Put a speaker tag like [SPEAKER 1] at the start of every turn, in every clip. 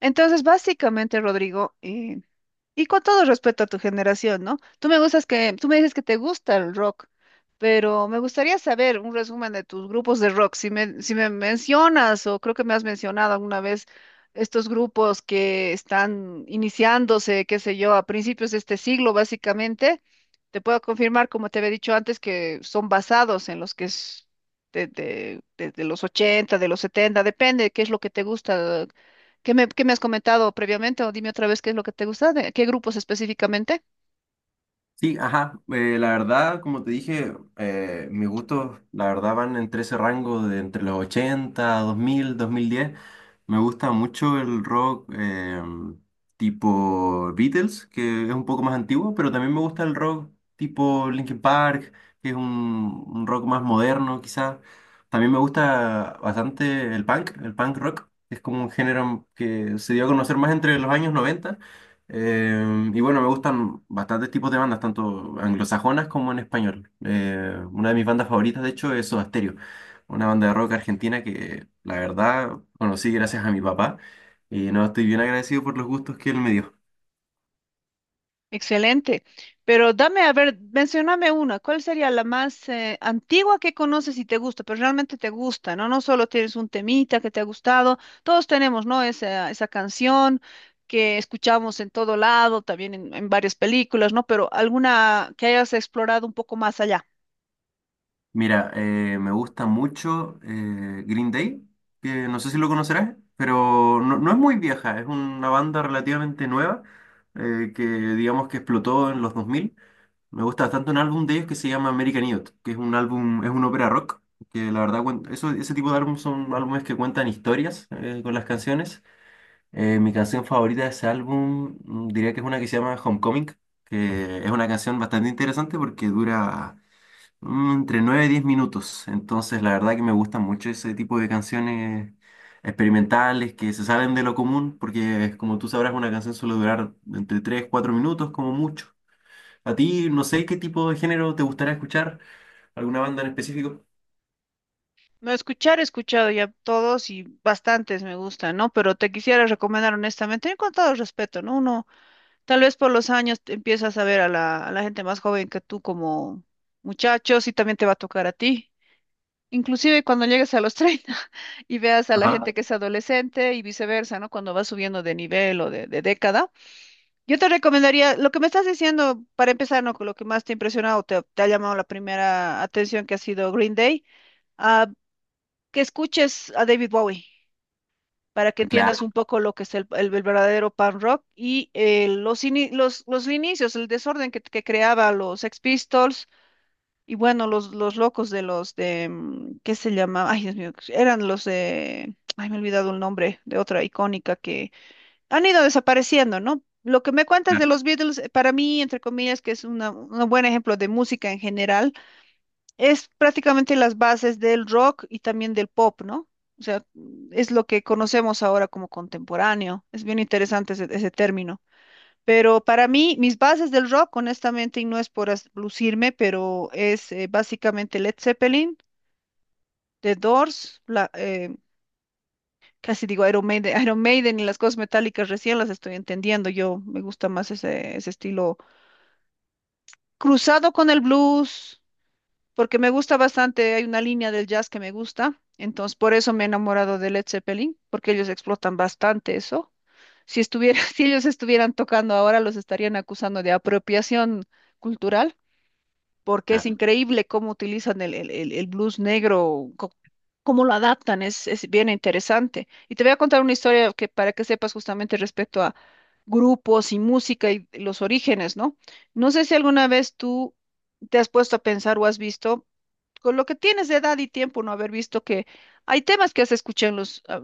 [SPEAKER 1] Entonces, básicamente, Rodrigo, y con todo respeto a tu generación, ¿no? Tú me gustas que, tú me dices que te gusta el rock, pero me gustaría saber un resumen de tus grupos de rock. Si me mencionas, o creo que me has mencionado alguna vez, estos grupos que están iniciándose, qué sé yo, a principios de este siglo, básicamente, te puedo confirmar, como te había dicho antes, que son basados en los que es de los 80, de los 70, depende de qué es lo que te gusta. ¿Qué me has comentado previamente? O dime otra vez qué es lo que te gusta, qué grupos específicamente.
[SPEAKER 2] Sí, ajá. La verdad, como te dije, mis gustos, la verdad, van entre ese rango de entre los 80, 2000, 2010. Me gusta mucho el rock tipo Beatles, que es un poco más antiguo, pero también me gusta el rock tipo Linkin Park, que es un rock más moderno, quizás. También me gusta bastante el punk rock, que es como un género que se dio a conocer más entre los años 90. Eh, y bueno, me gustan bastantes tipos de bandas, tanto anglosajonas como en español. Una de mis bandas favoritas, de hecho, es Soda Stereo, una banda de rock argentina que la verdad conocí gracias a mi papá y no estoy bien agradecido por los gustos que él me dio.
[SPEAKER 1] Excelente. Pero dame, a ver, mencioname una. ¿Cuál sería la más antigua que conoces y te gusta? Pero realmente te gusta, ¿no? No solo tienes un temita que te ha gustado. Todos tenemos, ¿no? Esa canción que escuchamos en todo lado, también en varias películas, ¿no? Pero alguna que hayas explorado un poco más allá.
[SPEAKER 2] Mira, me gusta mucho Green Day, que no sé si lo conocerás, pero no, no es muy vieja, es una banda relativamente nueva que digamos que explotó en los 2000. Me gusta bastante un álbum de ellos que se llama American Idiot, que es un álbum, es un ópera rock, que la verdad, eso, ese tipo de álbum son álbumes que cuentan historias con las canciones. Mi canción favorita de ese álbum diría que es una que se llama Homecoming, que es una canción bastante interesante porque dura entre 9 y 10 minutos. Entonces, la verdad que me gustan mucho ese tipo de canciones experimentales que se salen de lo común, porque como tú sabrás, una canción suele durar entre 3, 4 minutos como mucho. A ti, no sé qué tipo de género te gustaría escuchar, alguna banda en específico.
[SPEAKER 1] No, escuchar, he escuchado ya todos y bastantes me gustan, ¿no? Pero te quisiera recomendar honestamente, con todo respeto, ¿no? Uno, tal vez por los años te empiezas a ver a a la gente más joven que tú como muchachos y también te va a tocar a ti. Inclusive cuando llegues a los 30 y veas a la
[SPEAKER 2] Ajá.
[SPEAKER 1] gente que es adolescente y viceversa, ¿no? Cuando vas subiendo de nivel o de década. Yo te recomendaría, lo que me estás diciendo, para empezar, ¿no? Con lo que más te ha impresionado, te ha llamado la primera atención que ha sido Green Day. Ah, que escuches a David Bowie para que
[SPEAKER 2] Ah, claro.
[SPEAKER 1] entiendas un poco lo que es el verdadero punk rock y los, los inicios, el desorden que creaba los Sex Pistols y bueno, los locos de ¿qué se llama? Ay, Dios mío, eran los de, ay, me he olvidado el nombre de otra icónica que han ido desapareciendo, ¿no? Lo que me cuentas de los Beatles, para mí, entre comillas, un buen ejemplo de música en general, es prácticamente las bases del rock y también del pop, ¿no? O sea, es lo que conocemos ahora como contemporáneo. Es bien interesante ese término. Pero para mí, mis bases del rock, honestamente, y no es lucirme, pero es básicamente Led Zeppelin, The Doors, casi digo Iron Maiden, Iron Maiden y las cosas metálicas recién las estoy entendiendo. Yo me gusta más ese estilo cruzado con el blues porque me gusta bastante, hay una línea del jazz que me gusta, entonces por eso me he enamorado de Led Zeppelin, porque ellos explotan bastante eso. Si ellos estuvieran tocando ahora, los estarían acusando de apropiación cultural, porque es
[SPEAKER 2] Claro.
[SPEAKER 1] increíble cómo utilizan el blues negro, cómo lo adaptan, es bien interesante. Y te voy a contar una historia que para que sepas justamente respecto a grupos y música y los orígenes, ¿no? No sé si alguna vez tú te has puesto a pensar o has visto con lo que tienes de edad y tiempo, no haber visto que hay temas que has escuchado en los, ah,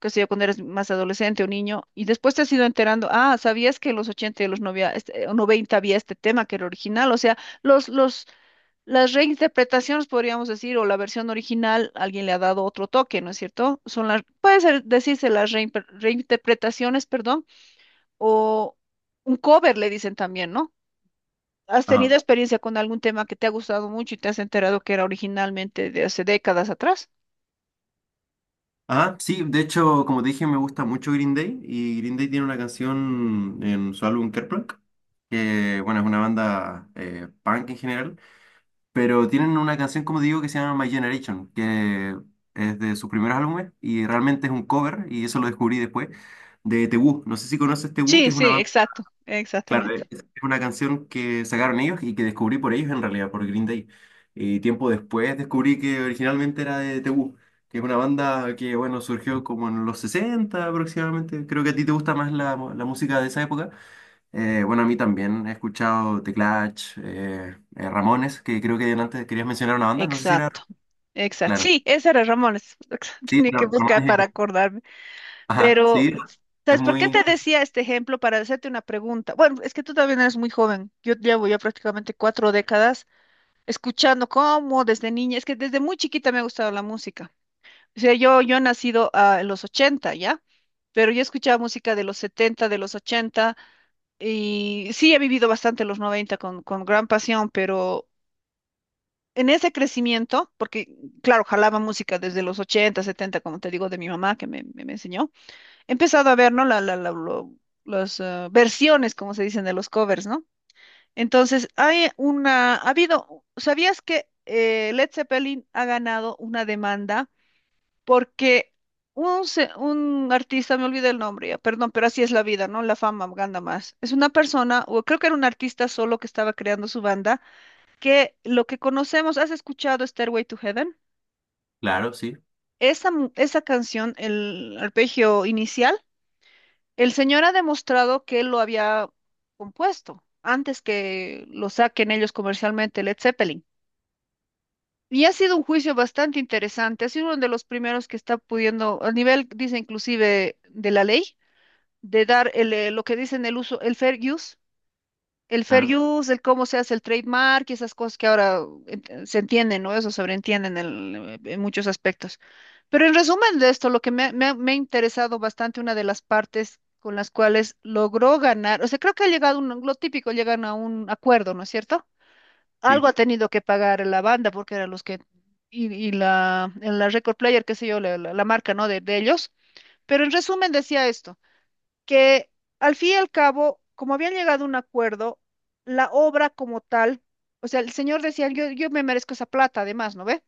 [SPEAKER 1] qué sé yo, cuando eres más adolescente o niño, y después te has ido enterando, ah, sabías que en los 80 y en los 90, este, o 90 había este tema que era original, o sea, los, los, las reinterpretaciones, podríamos decir, o la versión original, alguien le ha dado otro toque, ¿no es cierto? Son las, puede ser, decirse las reinterpretaciones, perdón, o un cover, le dicen también, ¿no? ¿Has
[SPEAKER 2] Ajá.
[SPEAKER 1] tenido experiencia con algún tema que te ha gustado mucho y te has enterado que era originalmente de hace décadas atrás?
[SPEAKER 2] Ah, sí, de hecho, como te dije, me gusta mucho Green Day y Green Day tiene una canción en su álbum Kerplunk, que bueno, es una banda punk en general, pero tienen una canción, como digo, que se llama My Generation, que es de sus primeros álbumes y realmente es un cover, y eso lo descubrí después, de The Who. No sé si conoces The Who,
[SPEAKER 1] Sí,
[SPEAKER 2] que es
[SPEAKER 1] sí,
[SPEAKER 2] una banda.
[SPEAKER 1] exacto,
[SPEAKER 2] Claro,
[SPEAKER 1] exactamente.
[SPEAKER 2] es una canción que sacaron ellos y que descubrí por ellos en realidad, por Green Day. Y tiempo después descubrí que originalmente era de The Who, que es una banda que, bueno, surgió como en los 60 aproximadamente. Creo que a ti te gusta más la, mu- la música de esa época. Bueno, a mí también he escuchado The Clash, Ramones, que creo que antes querías mencionar una banda, no sé si era...
[SPEAKER 1] Exacto, exacto.
[SPEAKER 2] Claro,
[SPEAKER 1] Sí, ese era Ramones.
[SPEAKER 2] sí,
[SPEAKER 1] Tenía que
[SPEAKER 2] pero
[SPEAKER 1] buscar
[SPEAKER 2] Ramones
[SPEAKER 1] para
[SPEAKER 2] es...
[SPEAKER 1] acordarme.
[SPEAKER 2] Ajá,
[SPEAKER 1] Pero,
[SPEAKER 2] sí, es
[SPEAKER 1] ¿sabes por qué
[SPEAKER 2] muy...
[SPEAKER 1] te decía este ejemplo? Para hacerte una pregunta. Bueno, es que tú también eres muy joven. Yo llevo ya prácticamente cuatro décadas escuchando cómo desde niña, es que desde muy chiquita me ha gustado la música. O sea, yo he nacido ah, en los 80, ¿ya? Pero yo escuchaba música de los 70, de los 80, y sí he vivido bastante los 90 con gran pasión, pero en ese crecimiento, porque claro, jalaba música desde los 80, 70, como te digo, de mi mamá que me enseñó, he empezado a ver, ¿no? Las ah, versiones, como se dicen, de los covers, ¿no? Entonces, hay una, ha habido, ¿sabías que Led Zeppelin ha ganado una demanda? Porque un artista, me olvidé el nombre ya, perdón, pero así es la vida, ¿no? La fama gana más. Es una persona, o creo que era un artista solo que estaba creando su banda, que lo que conocemos, ¿has escuchado Stairway to Heaven?
[SPEAKER 2] Claro, sí,
[SPEAKER 1] Esa, esa canción, el arpegio inicial, el señor ha demostrado que él lo había compuesto antes que lo saquen ellos comercialmente, Led Zeppelin. Y ha sido un juicio bastante interesante, ha sido uno de los primeros que está pudiendo, a nivel, dice inclusive, de la ley, de dar el, lo que dicen el uso, el fair use, el fair
[SPEAKER 2] claro,
[SPEAKER 1] use, el cómo se hace el trademark y esas cosas que ahora se entienden, ¿no? Eso sobreentienden en, en muchos aspectos. Pero en resumen de esto, lo que me ha interesado bastante, una de las partes con las cuales logró ganar, o sea, creo que ha llegado un, lo típico, llegan a un acuerdo, ¿no es cierto? Algo
[SPEAKER 2] sí,
[SPEAKER 1] ha tenido que pagar la banda porque eran los que, la record player, qué sé yo, la marca, ¿no? De ellos. Pero en resumen decía esto que al fin y al cabo, como habían llegado a un acuerdo, la obra como tal, o sea, el señor decía, yo me merezco esa plata, además, ¿no ve?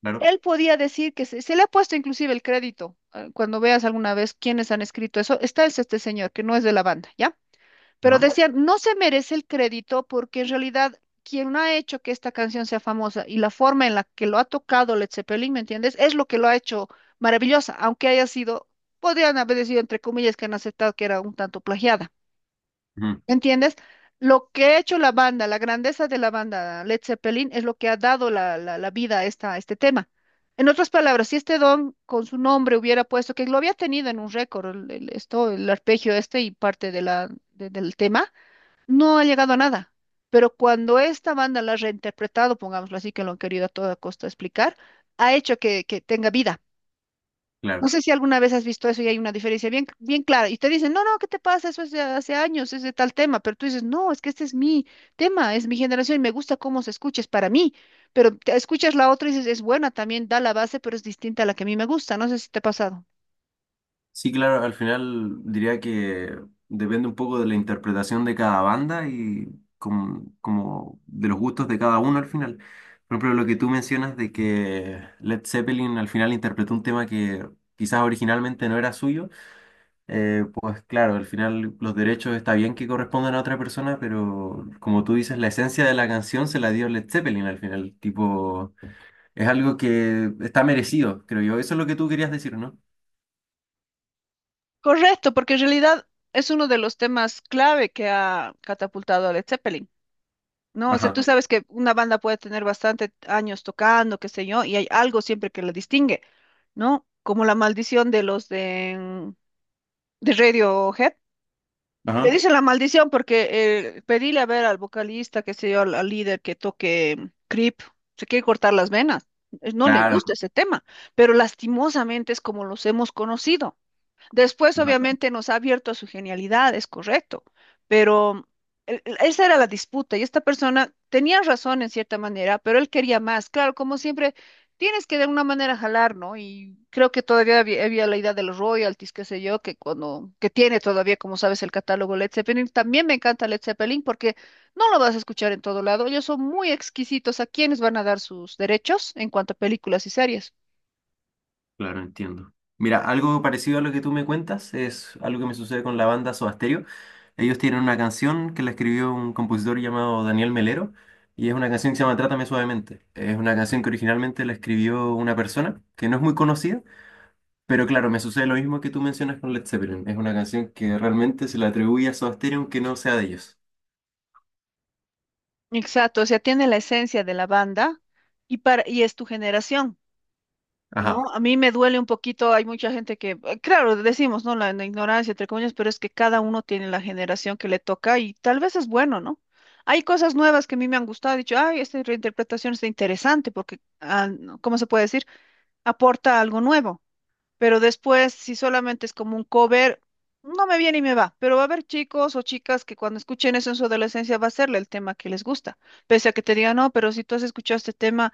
[SPEAKER 2] claro.
[SPEAKER 1] Él podía decir que se le ha puesto inclusive el crédito. Cuando veas alguna vez quiénes han escrito eso, está es este señor, que no es de la banda, ¿ya? Pero
[SPEAKER 2] Ajá,
[SPEAKER 1] decían, no se merece el crédito porque en realidad quien ha hecho que esta canción sea famosa y la forma en la que lo ha tocado Led Zeppelin, ¿me entiendes? Es lo que lo ha hecho maravillosa, aunque haya sido, podrían haber decidido entre comillas que han aceptado que era un tanto plagiada,
[SPEAKER 2] ujú,
[SPEAKER 1] ¿me entiendes? Lo que ha hecho la banda, la grandeza de la banda Led Zeppelin es lo que ha dado la vida a, esta, a este tema. En otras palabras, si este don con su nombre hubiera puesto, que lo había tenido en un récord, el arpegio este y parte de del tema, no ha llegado a nada. Pero cuando esta banda la ha reinterpretado, pongámoslo así, que lo han querido a toda costa explicar, ha hecho que tenga vida. No
[SPEAKER 2] claro.
[SPEAKER 1] sé si alguna vez has visto eso y hay una diferencia bien, bien clara. Y te dicen, no, no, ¿qué te pasa? Eso es de hace años, es de tal tema. Pero tú dices, no, es que este es mi tema, es mi generación y me gusta cómo se escucha, es para mí. Pero te escuchas la otra y dices, es buena también, da la base, pero es distinta a la que a mí me gusta. No sé si te ha pasado.
[SPEAKER 2] Sí, claro, al final diría que depende un poco de la interpretación de cada banda y como de los gustos de cada uno al final. Por ejemplo, lo que tú mencionas de que Led Zeppelin al final interpretó un tema que quizás originalmente no era suyo, pues claro, al final los derechos está bien que correspondan a otra persona, pero como tú dices, la esencia de la canción se la dio Led Zeppelin al final. Tipo, es algo que está merecido, creo yo. Eso es lo que tú querías decir, ¿no?
[SPEAKER 1] Correcto, porque en realidad es uno de los temas clave que ha catapultado a Led Zeppelin. No, o sea, tú
[SPEAKER 2] Ajá,
[SPEAKER 1] sabes que una banda puede tener bastante años tocando, qué sé yo, y hay algo siempre que la distingue, ¿no? Como la maldición de de Radiohead. Le
[SPEAKER 2] ajá.
[SPEAKER 1] dicen la maldición porque pedirle a ver al vocalista, qué sé yo, al líder que toque Creep, se quiere cortar las venas. No le Sí.
[SPEAKER 2] Claro.
[SPEAKER 1] gusta ese tema, pero lastimosamente es como los hemos conocido. Después,
[SPEAKER 2] Vale.
[SPEAKER 1] obviamente, nos ha abierto a su genialidad, es correcto, pero esa era la disputa y esta persona tenía razón en cierta manera, pero él quería más. Claro, como siempre, tienes que de alguna manera jalar, ¿no? Y creo que todavía había la idea de los royalties, qué sé yo, que tiene todavía, como sabes, el catálogo Led Zeppelin. También me encanta Led Zeppelin porque no lo vas a escuchar en todo lado. Ellos son muy exquisitos a quienes van a dar sus derechos en cuanto a películas y series.
[SPEAKER 2] Claro, entiendo. Mira, algo parecido a lo que tú me cuentas es algo que me sucede con la banda Soda Stereo. Ellos tienen una canción que la escribió un compositor llamado Daniel Melero y es una canción que se llama Trátame Suavemente. Es una canción que originalmente la escribió una persona que no es muy conocida, pero claro, me sucede lo mismo que tú mencionas con Led Zeppelin. Es una canción que realmente se le atribuye a Soda Stereo aunque no sea de ellos.
[SPEAKER 1] Exacto, o sea, tiene la esencia de la banda y para y es tu generación,
[SPEAKER 2] Ajá.
[SPEAKER 1] ¿no? A mí me duele un poquito, hay mucha gente que, claro, decimos, ¿no? La ignorancia, entre comillas, pero es que cada uno tiene la generación que le toca y tal vez es bueno, ¿no? Hay cosas nuevas que a mí me han gustado, he dicho, ay, esta reinterpretación está interesante porque, ah, no, ¿cómo se puede decir? Aporta algo nuevo. Pero después, si solamente es como un cover, no me viene y me va. Pero va a haber chicos o chicas que cuando escuchen eso en su adolescencia va a serle el tema que les gusta. Pese a que te digan, no, pero si tú has escuchado este tema,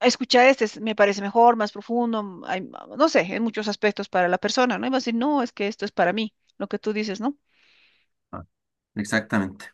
[SPEAKER 1] escucha este, me parece mejor, más profundo, no sé, en muchos aspectos para la persona, ¿no? Y va a decir, no, es que esto es para mí, lo que tú dices, ¿no?
[SPEAKER 2] Ah, exactamente.